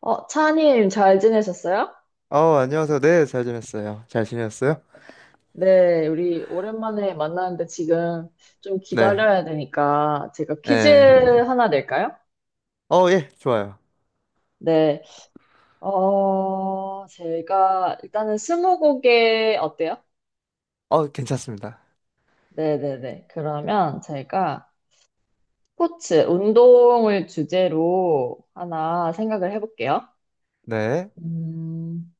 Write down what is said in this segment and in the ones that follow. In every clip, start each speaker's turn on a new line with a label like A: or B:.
A: 차님, 잘 지내셨어요?
B: 안녕하세요. 네, 잘 지냈어요. 잘 지냈어요?
A: 네, 우리 오랜만에 만나는데 지금 좀
B: 네.
A: 기다려야 되니까 제가 퀴즈
B: 예.
A: 하나 낼까요?
B: 좋아요.
A: 네, 제가 일단은 스무고개 어때요?
B: 괜찮습니다.
A: 네네네. 그러면 제가 스포츠, 운동을 주제로 하나 생각을 해볼게요.
B: 네.
A: 음,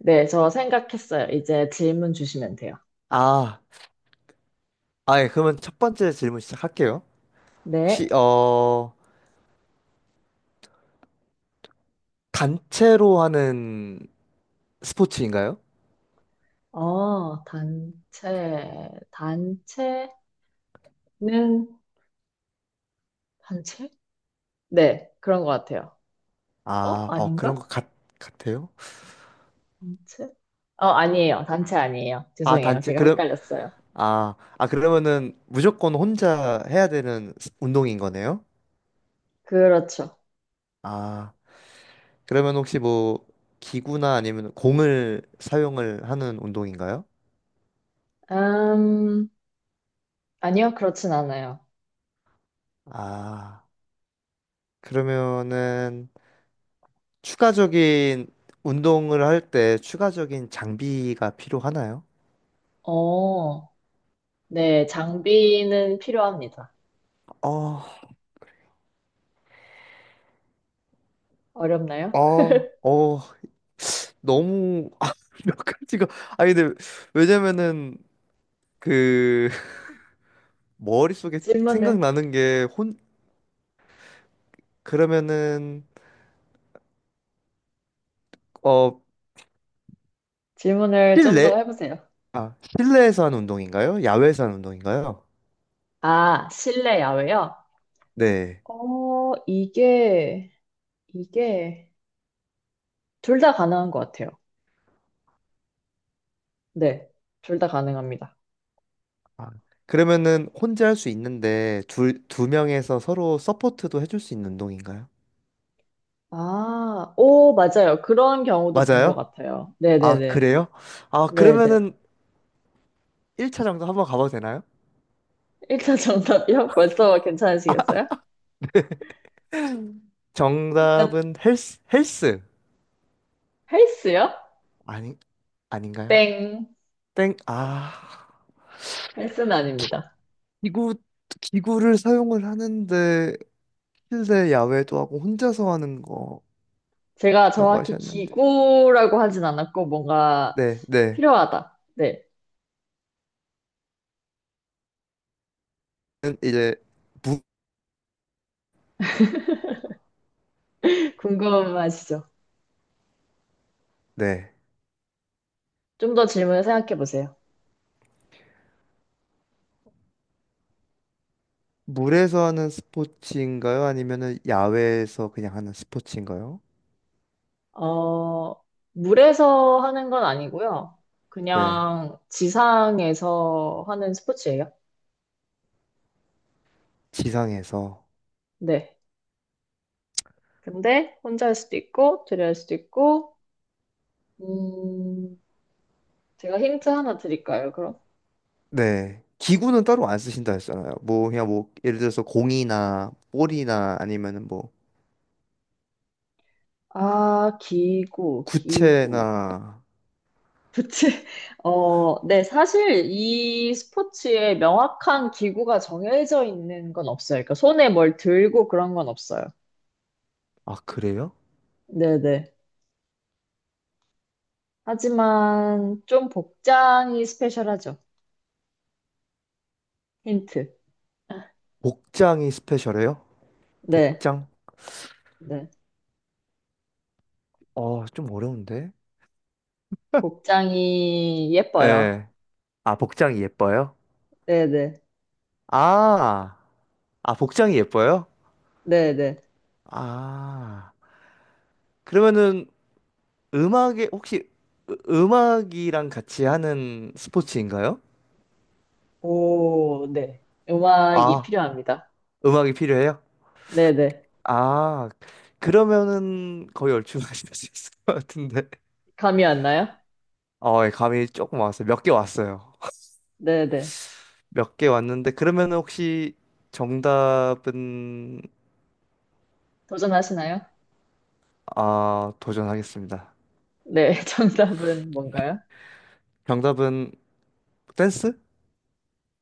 A: 네, 저 생각했어요. 이제 질문 주시면 돼요.
B: 아, 예, 그러면 첫 번째 질문 시작할게요. 혹시,
A: 네.
B: 단체로 하는 스포츠인가요?
A: 단체, 단체. 는 단체? 네, 그런 것 같아요. 어?
B: 아, 그런
A: 아닌가?
B: 것 같, 같아요?
A: 단체? 아니에요. 단체 아니에요.
B: 아,
A: 죄송해요.
B: 단체,
A: 제가
B: 그럼,
A: 헷갈렸어요.
B: 아, 그러면은 무조건 혼자 해야 되는 운동인 거네요?
A: 그렇죠.
B: 아, 그러면 혹시 뭐, 기구나 아니면 공을 사용을 하는 운동인가요?
A: 음, 아니요, 그렇진 않아요.
B: 아. 그러면은 추가적인 운동을 할 때 추가적인 장비가 필요하나요?
A: 어, 네, 장비는 필요합니다.
B: 어,
A: 어렵나요?
B: 어, 어, 너무 아, 몇 가지가 아니 근데 왜냐면은 그 머릿속에
A: 질문을,
B: 생각나는 게 혼 그러면은 어
A: 질문을 좀 더
B: 실내
A: 해보세요.
B: 아 실내에서 하는 운동인가요? 야외에서 하는 운동인가요?
A: 아, 실내, 야외요?
B: 네.
A: 어, 이게, 이게, 둘 다 가능한 것 같아요. 네, 둘 다 가능합니다.
B: 아, 그러면은 혼자 할 수 있는데 둘 두 명에서 서로 서포트도 해줄 수 있는 운동인가요?
A: 아, 오, 맞아요. 그런 경우도 본 것
B: 맞아요?
A: 같아요.
B: 아,
A: 네네네.
B: 그래요? 아,
A: 네네.
B: 그러면은 1차 정답 한번 가봐도 되나요?
A: 1차 정답이요? 벌써 괜찮으시겠어요? 일단
B: 정답은 헬스.
A: 헬스요?
B: 아니, 아닌가요?
A: 땡.
B: 땡, 아,
A: 헬스는 아닙니다.
B: 기구, 기구를 사용을 하는데, 실내 야외도 하고 혼자서 하는 거라고
A: 제가 정확히
B: 하셨는데.
A: 기구라고 하진 않았고, 뭔가
B: 네, 네.
A: 필요하다. 네.
B: 는 이제, 무,
A: 궁금하시죠?
B: 네.
A: 좀 더 질문을 생각해 보세요.
B: 물에서 하는 스포츠인가요? 아니면은 야외에서 그냥 하는 스포츠인가요?
A: 어, 물에서 하는 건 아니고요.
B: 네.
A: 그냥 지상에서 하는 스포츠예요.
B: 지상에서.
A: 네. 근데 혼자 할 수도 있고, 둘이 할 수도 있고, 음, 제가 힌트 하나 드릴까요, 그럼?
B: 네. 기구는 따로 안 쓰신다 했잖아요. 뭐 그냥 뭐 예를 들어서 공이나 볼이나 아니면은 뭐
A: 아, 기구, 기구.
B: 구체나
A: 그치? 네, 사실 이 스포츠에 명확한 기구가 정해져 있는 건 없어요. 그러니까 손에 뭘 들고 그런 건 없어요.
B: 아 그래요?
A: 네네. 하지만 좀 복장이 스페셜하죠. 힌트.
B: 복장이 스페셜해요?
A: 네,
B: 복장?
A: 네.
B: 좀 어려운데.
A: 복장이 예뻐요.
B: 예. 아, 복장이 예뻐요?
A: 네네.
B: 아. 아, 복장이 예뻐요?
A: 네네.
B: 아. 그러면은 음악에 혹시 음악이랑 같이 하는 스포츠인가요?
A: 오, 네. 음악이
B: 아,
A: 필요합니다.
B: 음악이 필요해요?
A: 네네.
B: 아, 그러면은 거의 얼추 하실 수 있을 것 같은데.
A: 감이 안 나요?
B: 예, 감이 조금 왔어요. 몇 개 왔어요.
A: 네네.
B: 몇 개 왔는데, 그러면은 혹시 정답은,
A: 도전하시나요?
B: 아, 도전하겠습니다.
A: 네. 정답은 뭔가요?
B: 정답은 댄스?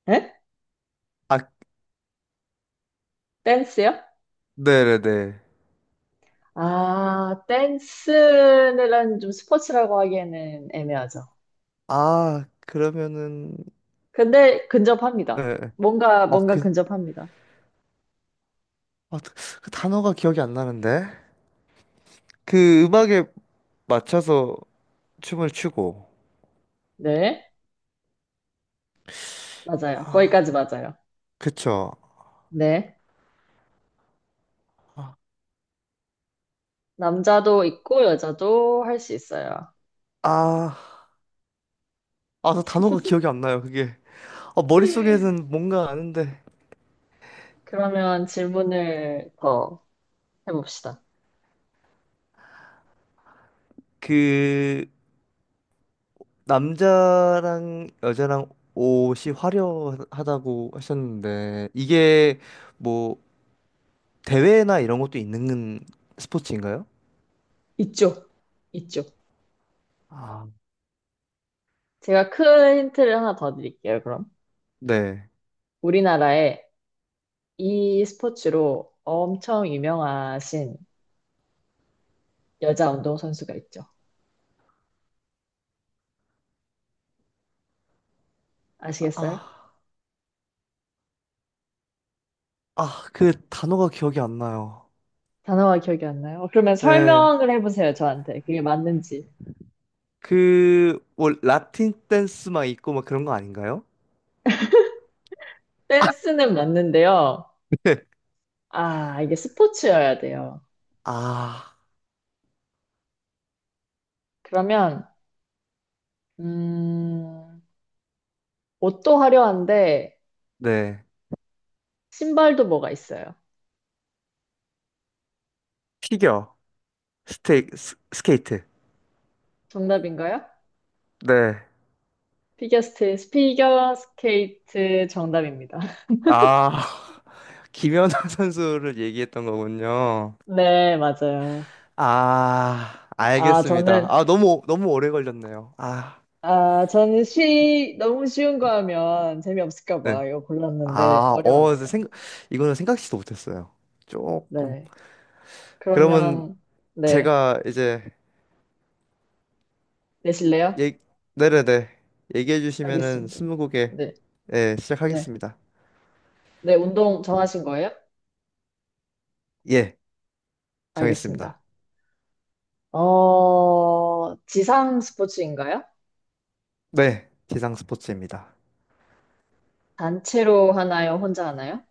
A: 네?
B: 아,
A: 댄스요?
B: 네네네.
A: 아, 댄스는 좀 스포츠라고 하기에는 애매하죠.
B: 아, 그러면은,
A: 근데
B: 예.
A: 근접합니다.
B: 예.
A: 뭔가,
B: 아,
A: 뭔가
B: 그,
A: 근접합니다.
B: 아, 그 그 단어가 기억이 안 나는데? 그 음악에 맞춰서 춤을 추고,
A: 네. 맞아요. 거기까지 맞아요.
B: 그쵸?
A: 네. 남자도 있고 여자도 할 수 있어요.
B: 아, 아, 그 단어가 기억이 안 나요, 그게. 머릿속에는 뭔가 아는데
A: 그러면 질문을 더 해봅시다.
B: 그 남자랑 여자랑 옷이 화려하다고 하셨는데 이게 뭐 대회나 이런 것도 있는 스포츠인가요?
A: 있죠? 있죠?
B: 아,
A: 제가 큰 힌트를 하나 더 드릴게요, 그럼.
B: 네.
A: 우리나라에 이 스포츠로 엄청 유명하신 여자 운동선수가 있죠. 아시겠어요?
B: 아, 아, 그 단어가 기억이 안 나요.
A: 단어가 기억이 안 나요? 그러면
B: 네
A: 설명을 해보세요, 저한테. 그게 맞는지.
B: 그 뭐 라틴 댄스 막 있고 막 그런 거 아닌가요?
A: 댄스는 맞는데요. 아, 이게 스포츠여야 돼요.
B: 아,
A: 그러면, 음, 옷도 화려한데,
B: 네.
A: 신발도 뭐가 있어요?
B: 피겨, 스케이트.
A: 정답인가요?
B: 네.
A: 피겨 스케이트, 피겨 스케이트 정답입니다.
B: 아, 김연아 선수를 얘기했던 거군요.
A: 네, 맞아요.
B: 아,
A: 아,
B: 알겠습니다.
A: 저는,
B: 아, 너무, 너무 오래 걸렸네요. 아,
A: 아, 저는 너무 쉬운 거 하면 재미없을까
B: 네.
A: 봐 이거 골랐는데
B: 아,
A: 어려웠네요.
B: 이거는 생각지도 못했어요. 조금.
A: 네.
B: 그러면
A: 그러면, 네.
B: 제가 이제,
A: 내실래요?
B: 얘, 네네네. 얘기해 주시면은
A: 알겠습니다.
B: 스무고개,
A: 네.
B: 예,
A: 네.
B: 시작하겠습니다.
A: 네, 운동 정하신 거예요?
B: 예, 정했습니다.
A: 알겠습니다. 지상 스포츠인가요?
B: 네, 지상 스포츠입니다.
A: 단체로 하나요? 혼자 하나요?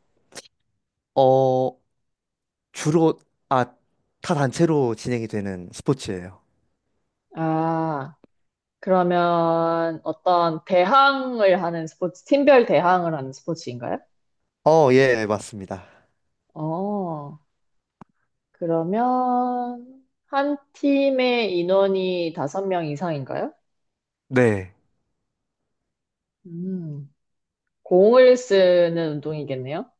B: 어, 주로, 아, 타 단체로 진행이 되는 스포츠예요.
A: 아, 그러면 어떤 대항을 하는 스포츠, 팀별 대항을 하는 스포츠인가요?
B: 예, 맞습니다.
A: 어, 그러면 한 팀의 인원이 다섯 명 이상인가요?
B: 네,
A: 음, 공을 쓰는 운동이겠네요.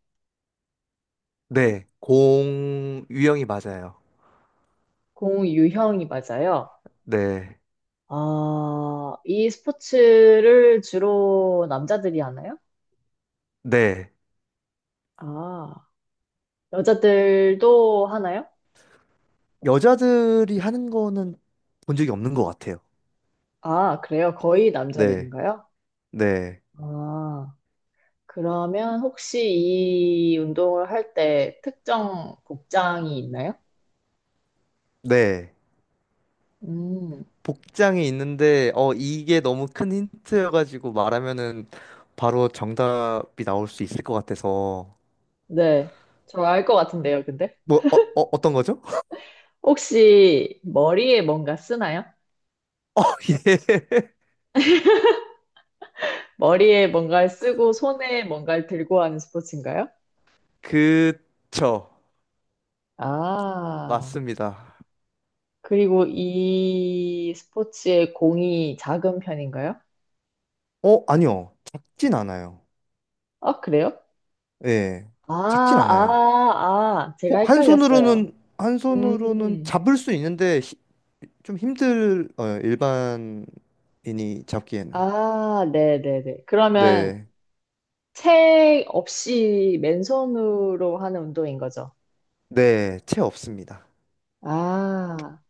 B: 네, 공 유형이 맞아요.
A: 공 유형이 맞아요.
B: 네,
A: 아, 이 스포츠를 주로 남자들이 하나요?
B: 네.
A: 아, 여자들도 하나요?
B: 여자들이 하는 거는 본 적이 없는 것 같아요.
A: 아, 그래요? 거의
B: 네,
A: 남자들인가요?
B: 네,
A: 아, 그러면 혹시 이 운동을 할 때 특정 복장이 있나요?
B: 네.
A: 음,
B: 복장이 있는데, 이게 너무 큰 힌트여가지고 말하면은 바로 정답이 나올 수 있을 것 같아서.
A: 네. 저 알 것 같은데요, 근데.
B: 뭐, 어떤 거죠?
A: 혹시 머리에 뭔가 쓰나요?
B: 예.
A: 머리에 뭔가를 쓰고 손에 뭔가를 들고 하는 스포츠인가요?
B: 그쵸.
A: 아,
B: 맞습니다.
A: 그리고 이 스포츠의 공이 작은 편인가요?
B: 어, 아니요. 작진 않아요.
A: 아, 그래요?
B: 예.
A: 아,
B: 작진 않아요.
A: 아, 아, 제가 헷갈렸어요.
B: 한 손으로는
A: 음,
B: 잡을 수 있는데 좀 힘들, 일반인이 잡기에는.
A: 아, 네네네. 그러면
B: 네.
A: 채 없이 맨손으로 하는 운동인 거죠?
B: 네, 채 없습니다.
A: 아,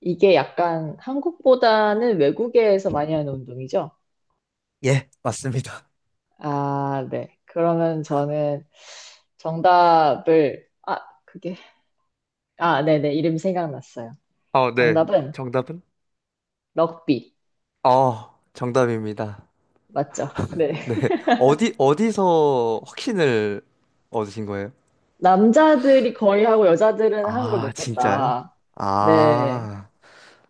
A: 이게 약간 한국보다는 외국에서 많이 하는 운동이죠?
B: 예, 맞습니다.
A: 아, 네. 그러면 저는 정답을, 아, 그게, 아, 네네. 이름 생각났어요.
B: 네.
A: 정답은
B: 정답은?
A: 럭비.
B: 정답입니다.
A: 맞죠? 네.
B: 네. 어디, 어디서 확신을 얻으신 거예요?
A: 남자들이 거의 하고 여자들은 하는 걸
B: 아,
A: 못
B: 진짜요?
A: 봤다. 네.
B: 아,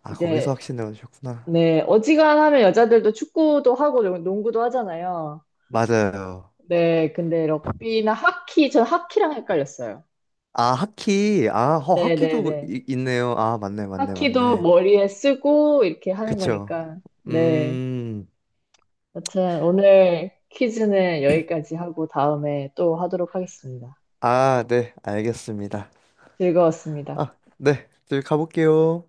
B: 아 거기서
A: 이제,
B: 확신을 얻으셨구나.
A: 네. 어지간하면 여자들도 축구도 하고 농구도 하잖아요.
B: 맞아요.
A: 네. 근데 럭비나 하키, 전 하키랑 헷갈렸어요.
B: 아, 하키. 아, 하키도
A: 네네네.
B: 있네요. 아, 맞네, 맞네,
A: 하키도
B: 맞네.
A: 머리에 쓰고 이렇게 하는
B: 그쵸?
A: 거니까. 네.
B: 음,
A: 여튼 오늘 퀴즈는 여기까지 하고 다음에 또 하도록 하겠습니다.
B: 아, 네, 알겠습니다.
A: 즐거웠습니다.
B: 아, 네, 저희 가볼게요.